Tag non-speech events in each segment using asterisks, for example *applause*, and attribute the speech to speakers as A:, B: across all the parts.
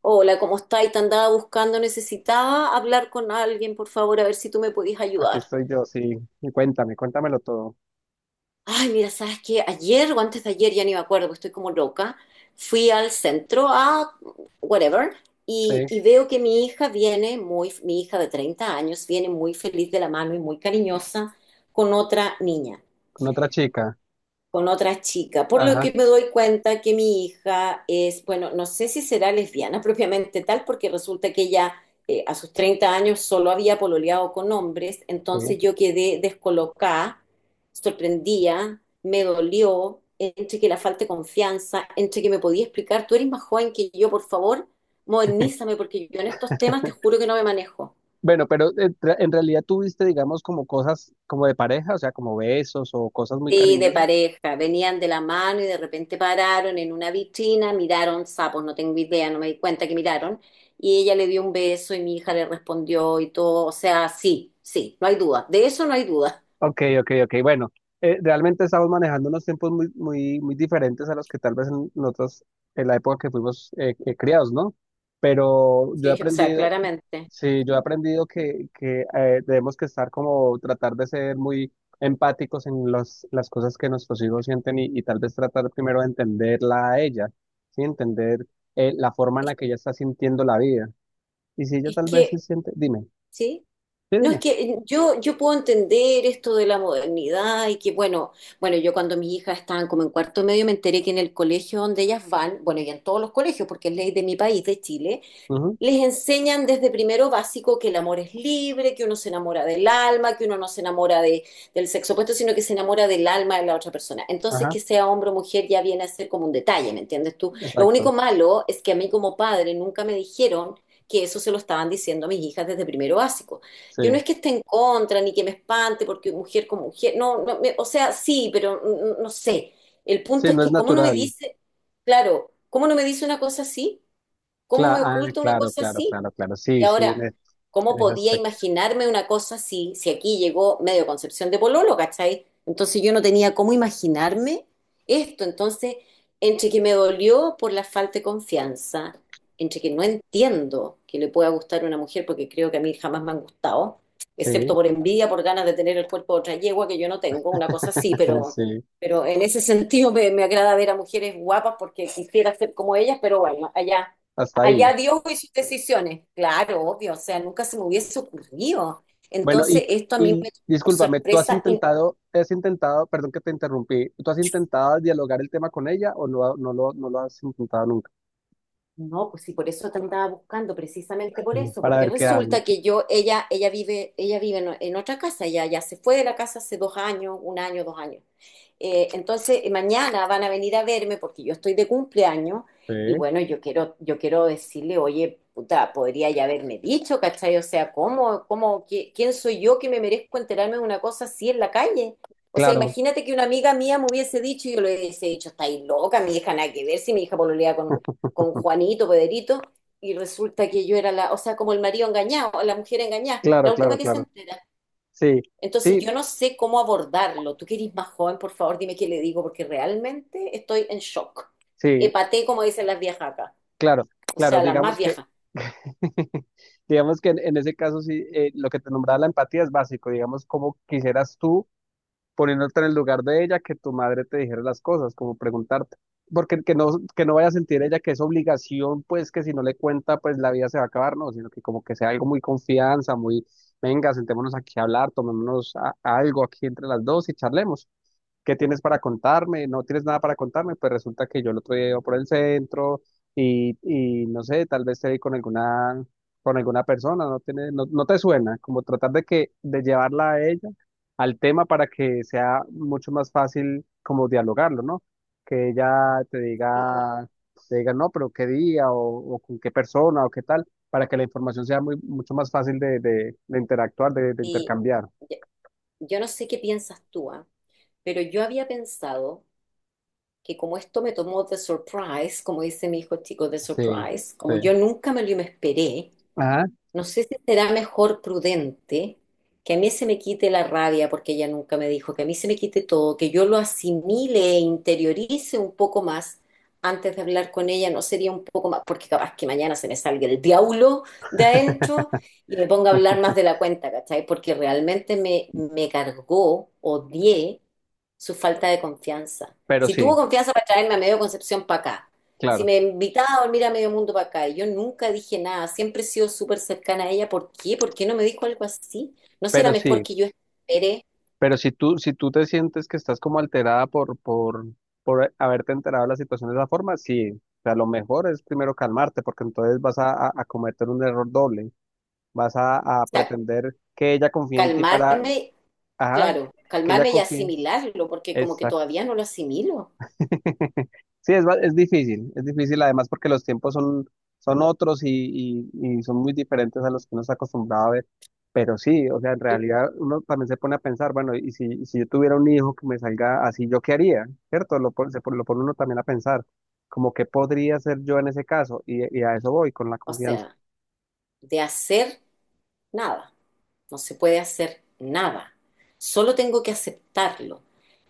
A: Hola, ¿cómo estáis? Te andaba buscando, necesitaba hablar con alguien, por favor, a ver si tú me podías
B: Aquí
A: ayudar.
B: estoy yo, sí. Y cuéntame, cuéntamelo todo.
A: Ay, mira, ¿sabes qué? Ayer o antes de ayer, ya ni me acuerdo, porque estoy como loca, fui al centro a whatever y,
B: Sí,
A: y veo que mi hija viene mi hija de 30 años, viene muy feliz de la mano y muy cariñosa con otra niña.
B: con otra chica.
A: Con otra chica, por lo
B: Ajá,
A: que me doy cuenta que mi hija es, bueno, no sé si será lesbiana propiamente tal, porque resulta que ella a sus 30 años solo había pololeado con hombres, entonces
B: sí.
A: yo quedé descolocada, sorprendida, me dolió, entre que la falta de confianza, entre que me podía explicar, tú eres más joven que yo, por favor, modernízame, porque yo en estos temas te juro que no me manejo.
B: Bueno, pero en realidad tuviste, digamos, como cosas como de pareja, o sea, como besos o cosas muy
A: Sí, de
B: cariñosas.
A: pareja, venían de la mano y de repente pararon en una vitrina, miraron sapos, no tengo idea, no me di cuenta que miraron, y ella le dio un beso y mi hija le respondió y todo, o sea, sí, sí, no hay duda, de eso no hay duda.
B: Ok, ok, ok. Bueno, realmente estamos manejando unos tiempos muy, muy, muy diferentes a los que tal vez en nosotros, en la época que fuimos criados, ¿no? Pero
A: *laughs*
B: yo he
A: Sí, o sea,
B: aprendido.
A: claramente.
B: Sí, yo he aprendido que debemos que estar como tratar de ser muy empáticos en las cosas que nuestros hijos sienten y tal vez tratar primero de entenderla a ella, ¿sí? Entender la forma en
A: Es,
B: la que ella está sintiendo la vida. Y si ella
A: es
B: tal vez
A: que,
B: se siente, dime,
A: sí.
B: sí,
A: No, es
B: dime.
A: que yo puedo entender esto de la modernidad y que, bueno, bueno, yo cuando mis hijas estaban como en cuarto medio me enteré que en el colegio donde ellas van, bueno, y en todos los colegios, porque es ley de mi país, de Chile,
B: Ujú.
A: les enseñan desde primero básico que el amor es libre, que uno se enamora del alma, que uno no se enamora del sexo opuesto, sino que se enamora del alma de la otra persona. Entonces,
B: Ajá,
A: que sea hombre o mujer ya viene a ser como un detalle, ¿me entiendes tú? Lo único
B: exacto,
A: malo es que a mí como padre nunca me dijeron que eso se lo estaban diciendo a mis hijas desde primero básico. Yo no
B: sí.
A: es que esté en contra ni que me espante porque mujer como mujer, no, no, me- o sea, sí, pero no sé. El punto
B: Sí,
A: es
B: no es
A: que, ¿cómo no me
B: natural.
A: dice, claro, cómo no me dice una cosa así? ¿Cómo me oculto una
B: Claro,
A: cosa
B: claro,
A: así?
B: claro, claro.
A: Y
B: Sí, sí,
A: ahora, ¿cómo
B: en ese
A: podía
B: aspecto.
A: imaginarme una cosa así si aquí llegó medio Concepción de Pololo, ¿cachai? Entonces yo no tenía cómo imaginarme esto. Entonces, entre que me dolió por la falta de confianza, entre que no entiendo que le pueda gustar a una mujer, porque creo que a mí jamás me han gustado,
B: Sí,
A: excepto por envidia, por ganas de tener el cuerpo de otra yegua que yo no tengo, una cosa así,
B: *laughs*
A: pero...
B: sí,
A: Pero en ese sentido me agrada ver a mujeres guapas porque quisiera ser como ellas, pero bueno, allá.
B: hasta
A: Allá
B: ahí.
A: Dios y sus decisiones. Claro, obvio, o sea, nunca se me hubiese ocurrido.
B: Bueno,
A: Entonces, esto a mí
B: y
A: me tomó por
B: discúlpame, ¿tú
A: sorpresa.
B: has intentado, perdón que te interrumpí, ¿tú has intentado dialogar el tema con ella o no, no lo has intentado nunca?
A: No, pues sí, por eso te andaba buscando, precisamente por
B: Mm.
A: eso,
B: Para
A: porque
B: ver qué hace.
A: resulta que ella vive en otra casa, ella ya se fue de la casa hace 2 años, un año, 2 años. Entonces, mañana van a venir a verme porque yo estoy de cumpleaños
B: Sí.
A: y bueno, yo quiero decirle, oye, puta, podría ya haberme dicho, ¿cachai? O sea, ¿cómo, cómo, qué- quién soy yo que me merezco enterarme de una cosa así en la calle? O sea,
B: Claro,
A: imagínate que una amiga mía me hubiese dicho y yo le hubiese dicho, estáis loca, mi hija, nada que ver si mi hija pololea con Juanito, Pederito, y resulta que yo era la, o sea, como el marido engañado, la mujer engañada,
B: claro,
A: la última
B: claro,
A: que se
B: claro.
A: entera.
B: Sí,
A: Entonces
B: sí,
A: yo no sé cómo abordarlo. Tú que eres más joven, por favor, dime qué le digo, porque realmente estoy en shock.
B: sí,
A: Epaté, como dicen las viejas acá,
B: claro,
A: o
B: claro.
A: sea, las más
B: Digamos que,
A: viejas.
B: *laughs* digamos en ese caso sí, lo que te nombraba la empatía es básico. Digamos, cómo quisieras tú poniéndote en el lugar de ella, que tu madre te dijera las cosas, como preguntarte, porque que no vaya a sentir ella que es obligación, pues que si no le cuenta, pues la vida se va a acabar, no, sino que como que sea algo muy confianza, muy, venga, sentémonos aquí a hablar, tomémonos algo aquí entre las dos y charlemos. ¿Qué tienes para contarme? No tienes nada para contarme, pues resulta que yo el otro día iba por el centro y no sé, tal vez te vi con alguna persona, no tiene, no, no te suena, como tratar de que, de llevarla a ella al tema para que sea mucho más fácil como dialogarlo, ¿no? Que ella
A: Sí.
B: te diga, no, pero qué día o con qué persona o qué tal, para que la información sea muy, mucho más fácil de interactuar, de
A: Y
B: intercambiar.
A: yo yo no sé qué piensas tú, ah. Pero yo había pensado que como esto me tomó de surprise, como dice mi hijo chico, de
B: Sí,
A: surprise, como
B: sí.
A: yo nunca me esperé,
B: Ajá,
A: no sé si será mejor prudente que a mí se me quite la rabia, porque ella nunca me dijo, que a mí se me quite todo, que yo lo asimile e interiorice un poco más antes de hablar con ella, no sería un poco más, porque capaz que mañana se me salga el diablo de adentro y me ponga a hablar más de la cuenta, ¿cachai? Porque realmente me cargó, odié su falta de confianza.
B: pero
A: Si
B: sí,
A: tuvo confianza para traerme a medio Concepción para acá, si
B: claro,
A: me invitaba a dormir a medio mundo para acá, y yo nunca dije nada, siempre he sido súper cercana a ella. ¿Por qué? ¿Por qué no me dijo algo así? ¿No será
B: pero
A: mejor
B: sí,
A: que yo espere?
B: pero si tú, si tú te sientes que estás como alterada por haberte enterado de la situación de esa forma, sí. O sea, lo mejor es primero calmarte, porque entonces vas a, a cometer un error doble. Vas a
A: O sea,
B: pretender que ella confíe en ti para,
A: calmarme,
B: ajá,
A: claro,
B: que ella
A: calmarme y
B: confíe.
A: asimilarlo, porque como que
B: Exacto.
A: todavía no lo asimilo.
B: *laughs* Sí, es difícil además porque los tiempos son, son otros y, y son muy diferentes a los que uno está acostumbrado a ver. Pero sí, o sea, en
A: Tú,
B: realidad uno también se pone a pensar, bueno, y si yo tuviera un hijo que me salga así, ¿yo qué haría? ¿Cierto? Lo pone uno también a pensar, como qué podría hacer yo en ese caso, y a eso voy con la
A: o
B: confianza.
A: sea, de hacer nada, no se puede hacer nada. Solo tengo que aceptarlo.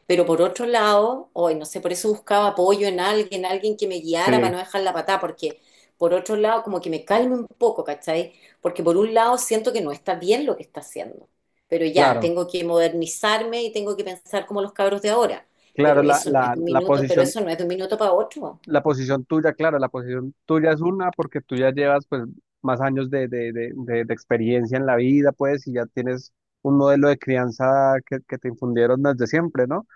A: Pero por otro lado, hoy no sé, por eso buscaba apoyo en alguien, alguien que me guiara para
B: Sí,
A: no dejar la patada, porque por otro lado, como que me calme un poco, ¿cachai? Porque por un lado siento que no está bien lo que está haciendo, pero ya,
B: claro,
A: tengo que modernizarme y tengo que pensar como los cabros de ahora,
B: claro,
A: pero
B: la,
A: eso no es
B: la,
A: de un
B: la
A: minuto, pero
B: posición.
A: eso no es de un minuto para otro.
B: La posición tuya, claro, la posición tuya es una porque tú ya llevas pues más años de experiencia en la vida, pues, y ya tienes un modelo de crianza que te infundieron desde siempre, ¿no?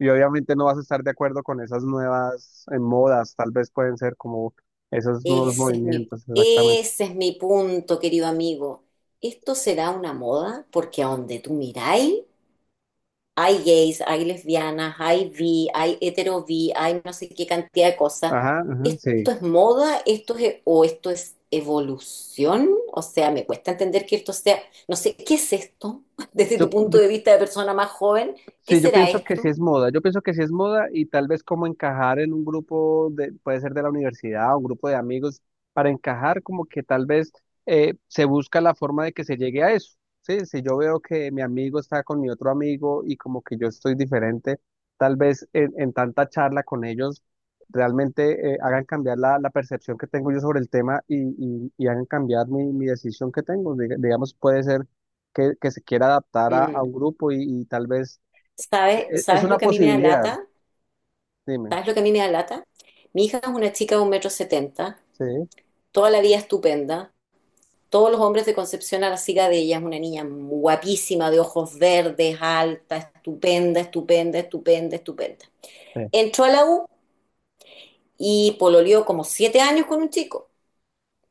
B: Y obviamente no vas a estar de acuerdo con esas nuevas modas, tal vez pueden ser como esos nuevos
A: Ese es mi,
B: movimientos, exactamente.
A: ese es mi punto, querido amigo. ¿Esto será una moda? Porque a donde tú miráis, hay gays, hay lesbianas, hay bi, hay hetero bi, hay no sé qué cantidad de cosas.
B: Ajá, ajá, sí.
A: ¿Esto es moda? ¿Esto es, o esto es evolución? O sea, me cuesta entender que esto sea, no sé, ¿qué es esto? *laughs* Desde tu
B: Yo,
A: punto
B: yo
A: de vista de persona más joven, ¿qué
B: sí, yo
A: será
B: pienso que sí
A: esto?
B: es moda, yo pienso que sí es moda y tal vez como encajar en un grupo de, puede ser de la universidad, un grupo de amigos, para encajar como que tal vez se busca la forma de que se llegue a eso, ¿sí? Si yo veo que mi amigo está con mi otro amigo y como que yo estoy diferente, tal vez en tanta charla con ellos realmente hagan cambiar la, la percepción que tengo yo sobre el tema y, y hagan cambiar mi, mi decisión que tengo. Digamos, puede ser que se quiera adaptar a
A: Mm,
B: un grupo y tal vez
A: ¿sabes,
B: es
A: sabes lo
B: una
A: que a mí me da
B: posibilidad,
A: lata?
B: dime.
A: ¿Sabes lo que a mí me da lata? Mi hija es una chica de un metro setenta,
B: Sí,
A: toda la vida estupenda. Todos los hombres de Concepción a la siga de ella. Es una niña guapísima, de ojos verdes, alta, estupenda, estupenda, estupenda, estupenda.
B: sí,
A: Entró a la U y pololeó como 7 años con un chico,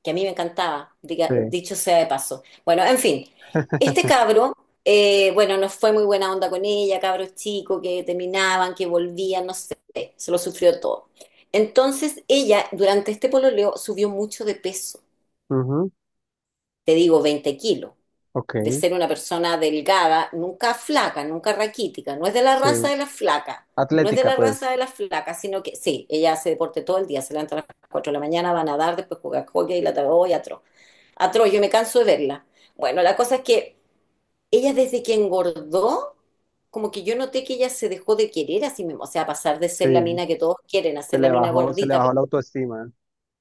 A: que a mí me encantaba, diga-
B: sí.
A: dicho sea de paso. Bueno, en fin, este cabro, bueno, no fue muy buena onda con ella, cabros chicos que terminaban, que volvían, no sé, se lo sufrió todo. Entonces ella, durante este pololeo, subió mucho de peso,
B: Ujú,
A: te digo, 20 kilos.
B: ok,
A: De ser una persona delgada, nunca flaca, nunca raquítica, no es de la
B: sí.
A: raza de las flacas, no es de
B: Atlética,
A: la
B: pues,
A: raza de las flacas, sino que sí, ella hace deporte todo el día, se levanta a las 4 de la mañana, va a nadar, después juega hockey y la tarde, atro, yo me canso de verla. Bueno, la cosa es que ella desde que engordó, como que yo noté que ella se dejó de querer a sí misma, o sea, pasar de ser la
B: sí.
A: mina que todos quieren a ser la mina
B: Se le
A: gordita, pero
B: bajó la autoestima.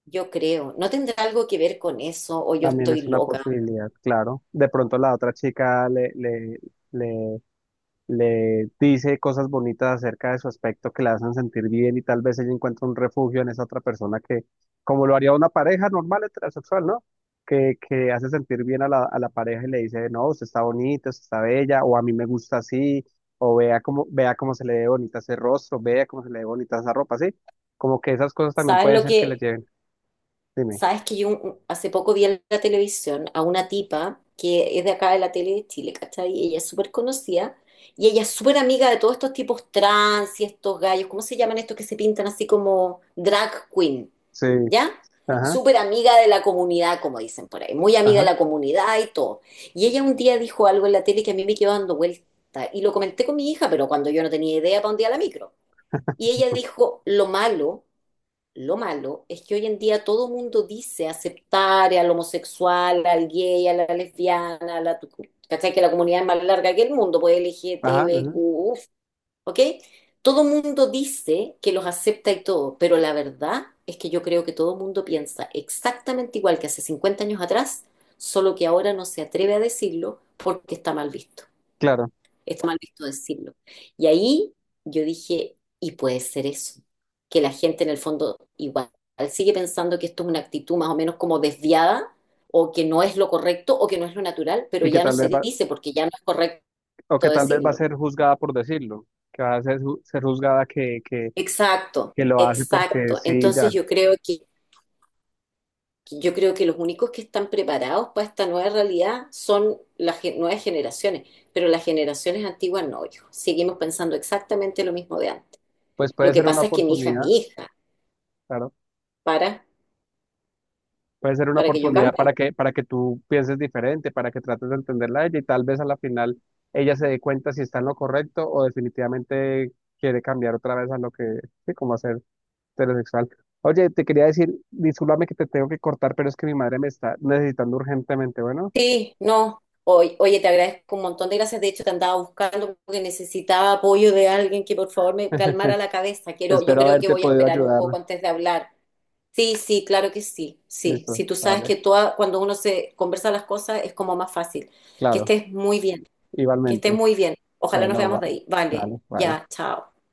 A: yo creo, no tendrá algo que ver con eso o yo
B: También
A: estoy
B: es una
A: loca.
B: posibilidad, claro. De pronto la otra chica le, le, le le dice cosas bonitas acerca de su aspecto que la hacen sentir bien y tal vez ella encuentra un refugio en esa otra persona que, como lo haría una pareja normal heterosexual, ¿no? Que hace sentir bien a la pareja y le dice, no, usted está bonita, usted está bella, o a mí me gusta así, o vea cómo se le ve bonita ese rostro, vea cómo se le ve bonita esa ropa, ¿sí? Como que esas cosas también
A: ¿Sabes
B: puede
A: lo
B: ser que le
A: que
B: lleven, dime.
A: sabes que yo un- hace poco vi en la televisión a una tipa que es de acá de la tele de Chile, ¿cachai? Y ella es súper conocida y ella es súper amiga de todos estos tipos trans y estos gallos, ¿cómo se llaman estos que se pintan así como drag queen?
B: Sí,
A: ¿Ya?
B: ajá,
A: Súper amiga de la comunidad, como dicen por ahí, muy amiga de
B: ajá,
A: la comunidad y todo. Y ella un día dijo algo en la tele que a mí me quedó dando vuelta y lo comenté con mi hija, pero cuando yo no tenía idea para un día la micro. Y ella dijo, lo malo, lo malo es que hoy en día todo mundo dice aceptar al homosexual, al gay, a la lesbiana, a la... ¿Cachai? Que la comunidad es más larga que el mundo, pues
B: ajá, ajá,
A: LGTBQ, uf, ¿ok? Todo mundo dice que los acepta y todo, pero la verdad es que yo creo que todo mundo piensa exactamente igual que hace 50 años atrás, solo que ahora no se atreve a decirlo porque está mal visto.
B: claro.
A: Está mal visto decirlo. Y ahí yo dije, y puede ser eso, que la gente en el fondo igual sigue pensando que esto es una actitud más o menos como desviada, o que no es lo correcto, o que no es lo natural, pero
B: Y que
A: ya no
B: tal vez,
A: se dice porque ya no es correcto
B: o que tal vez va a
A: decirlo.
B: ser juzgada por decirlo, que va a ser, ser juzgada
A: Exacto,
B: que lo hace porque
A: exacto.
B: sí,
A: Entonces
B: ya.
A: yo creo que yo creo que los únicos que están preparados para esta nueva realidad son las gen- nuevas generaciones, pero las generaciones antiguas no, hijo. Seguimos pensando exactamente lo mismo de antes.
B: Pues
A: Lo
B: puede
A: que
B: ser una
A: pasa es que mi hija es
B: oportunidad,
A: mi hija
B: claro.
A: para,
B: Puede ser una
A: para que yo
B: oportunidad
A: cambie.
B: para que tú pienses diferente, para que trates de entenderla a ella y tal vez a la final ella se dé cuenta si está en lo correcto o definitivamente quiere cambiar otra vez a lo que, sí, como hacer heterosexual. Oye, te quería decir, discúlpame que te tengo que cortar, pero es que mi madre me está necesitando urgentemente, bueno.
A: Sí, no. Oy- Oye, te agradezco un montón de gracias. De hecho, te andaba buscando porque necesitaba apoyo de alguien que por favor me calmara
B: *laughs*
A: la cabeza. Quiero, yo
B: Espero
A: creo que
B: haberte
A: voy a
B: podido
A: esperar un
B: ayudar.
A: poco antes de hablar. Sí, sí, claro que sí. Sí,
B: Listo,
A: sí, tú sabes
B: vale,
A: que toda, cuando uno se conversa las cosas es como más fácil. Que
B: claro.
A: estés muy bien, que estés
B: Igualmente.
A: muy bien. Ojalá nos
B: Bueno,
A: veamos de
B: bye.
A: ahí. Vale,
B: Dale, bye.
A: ya, chao.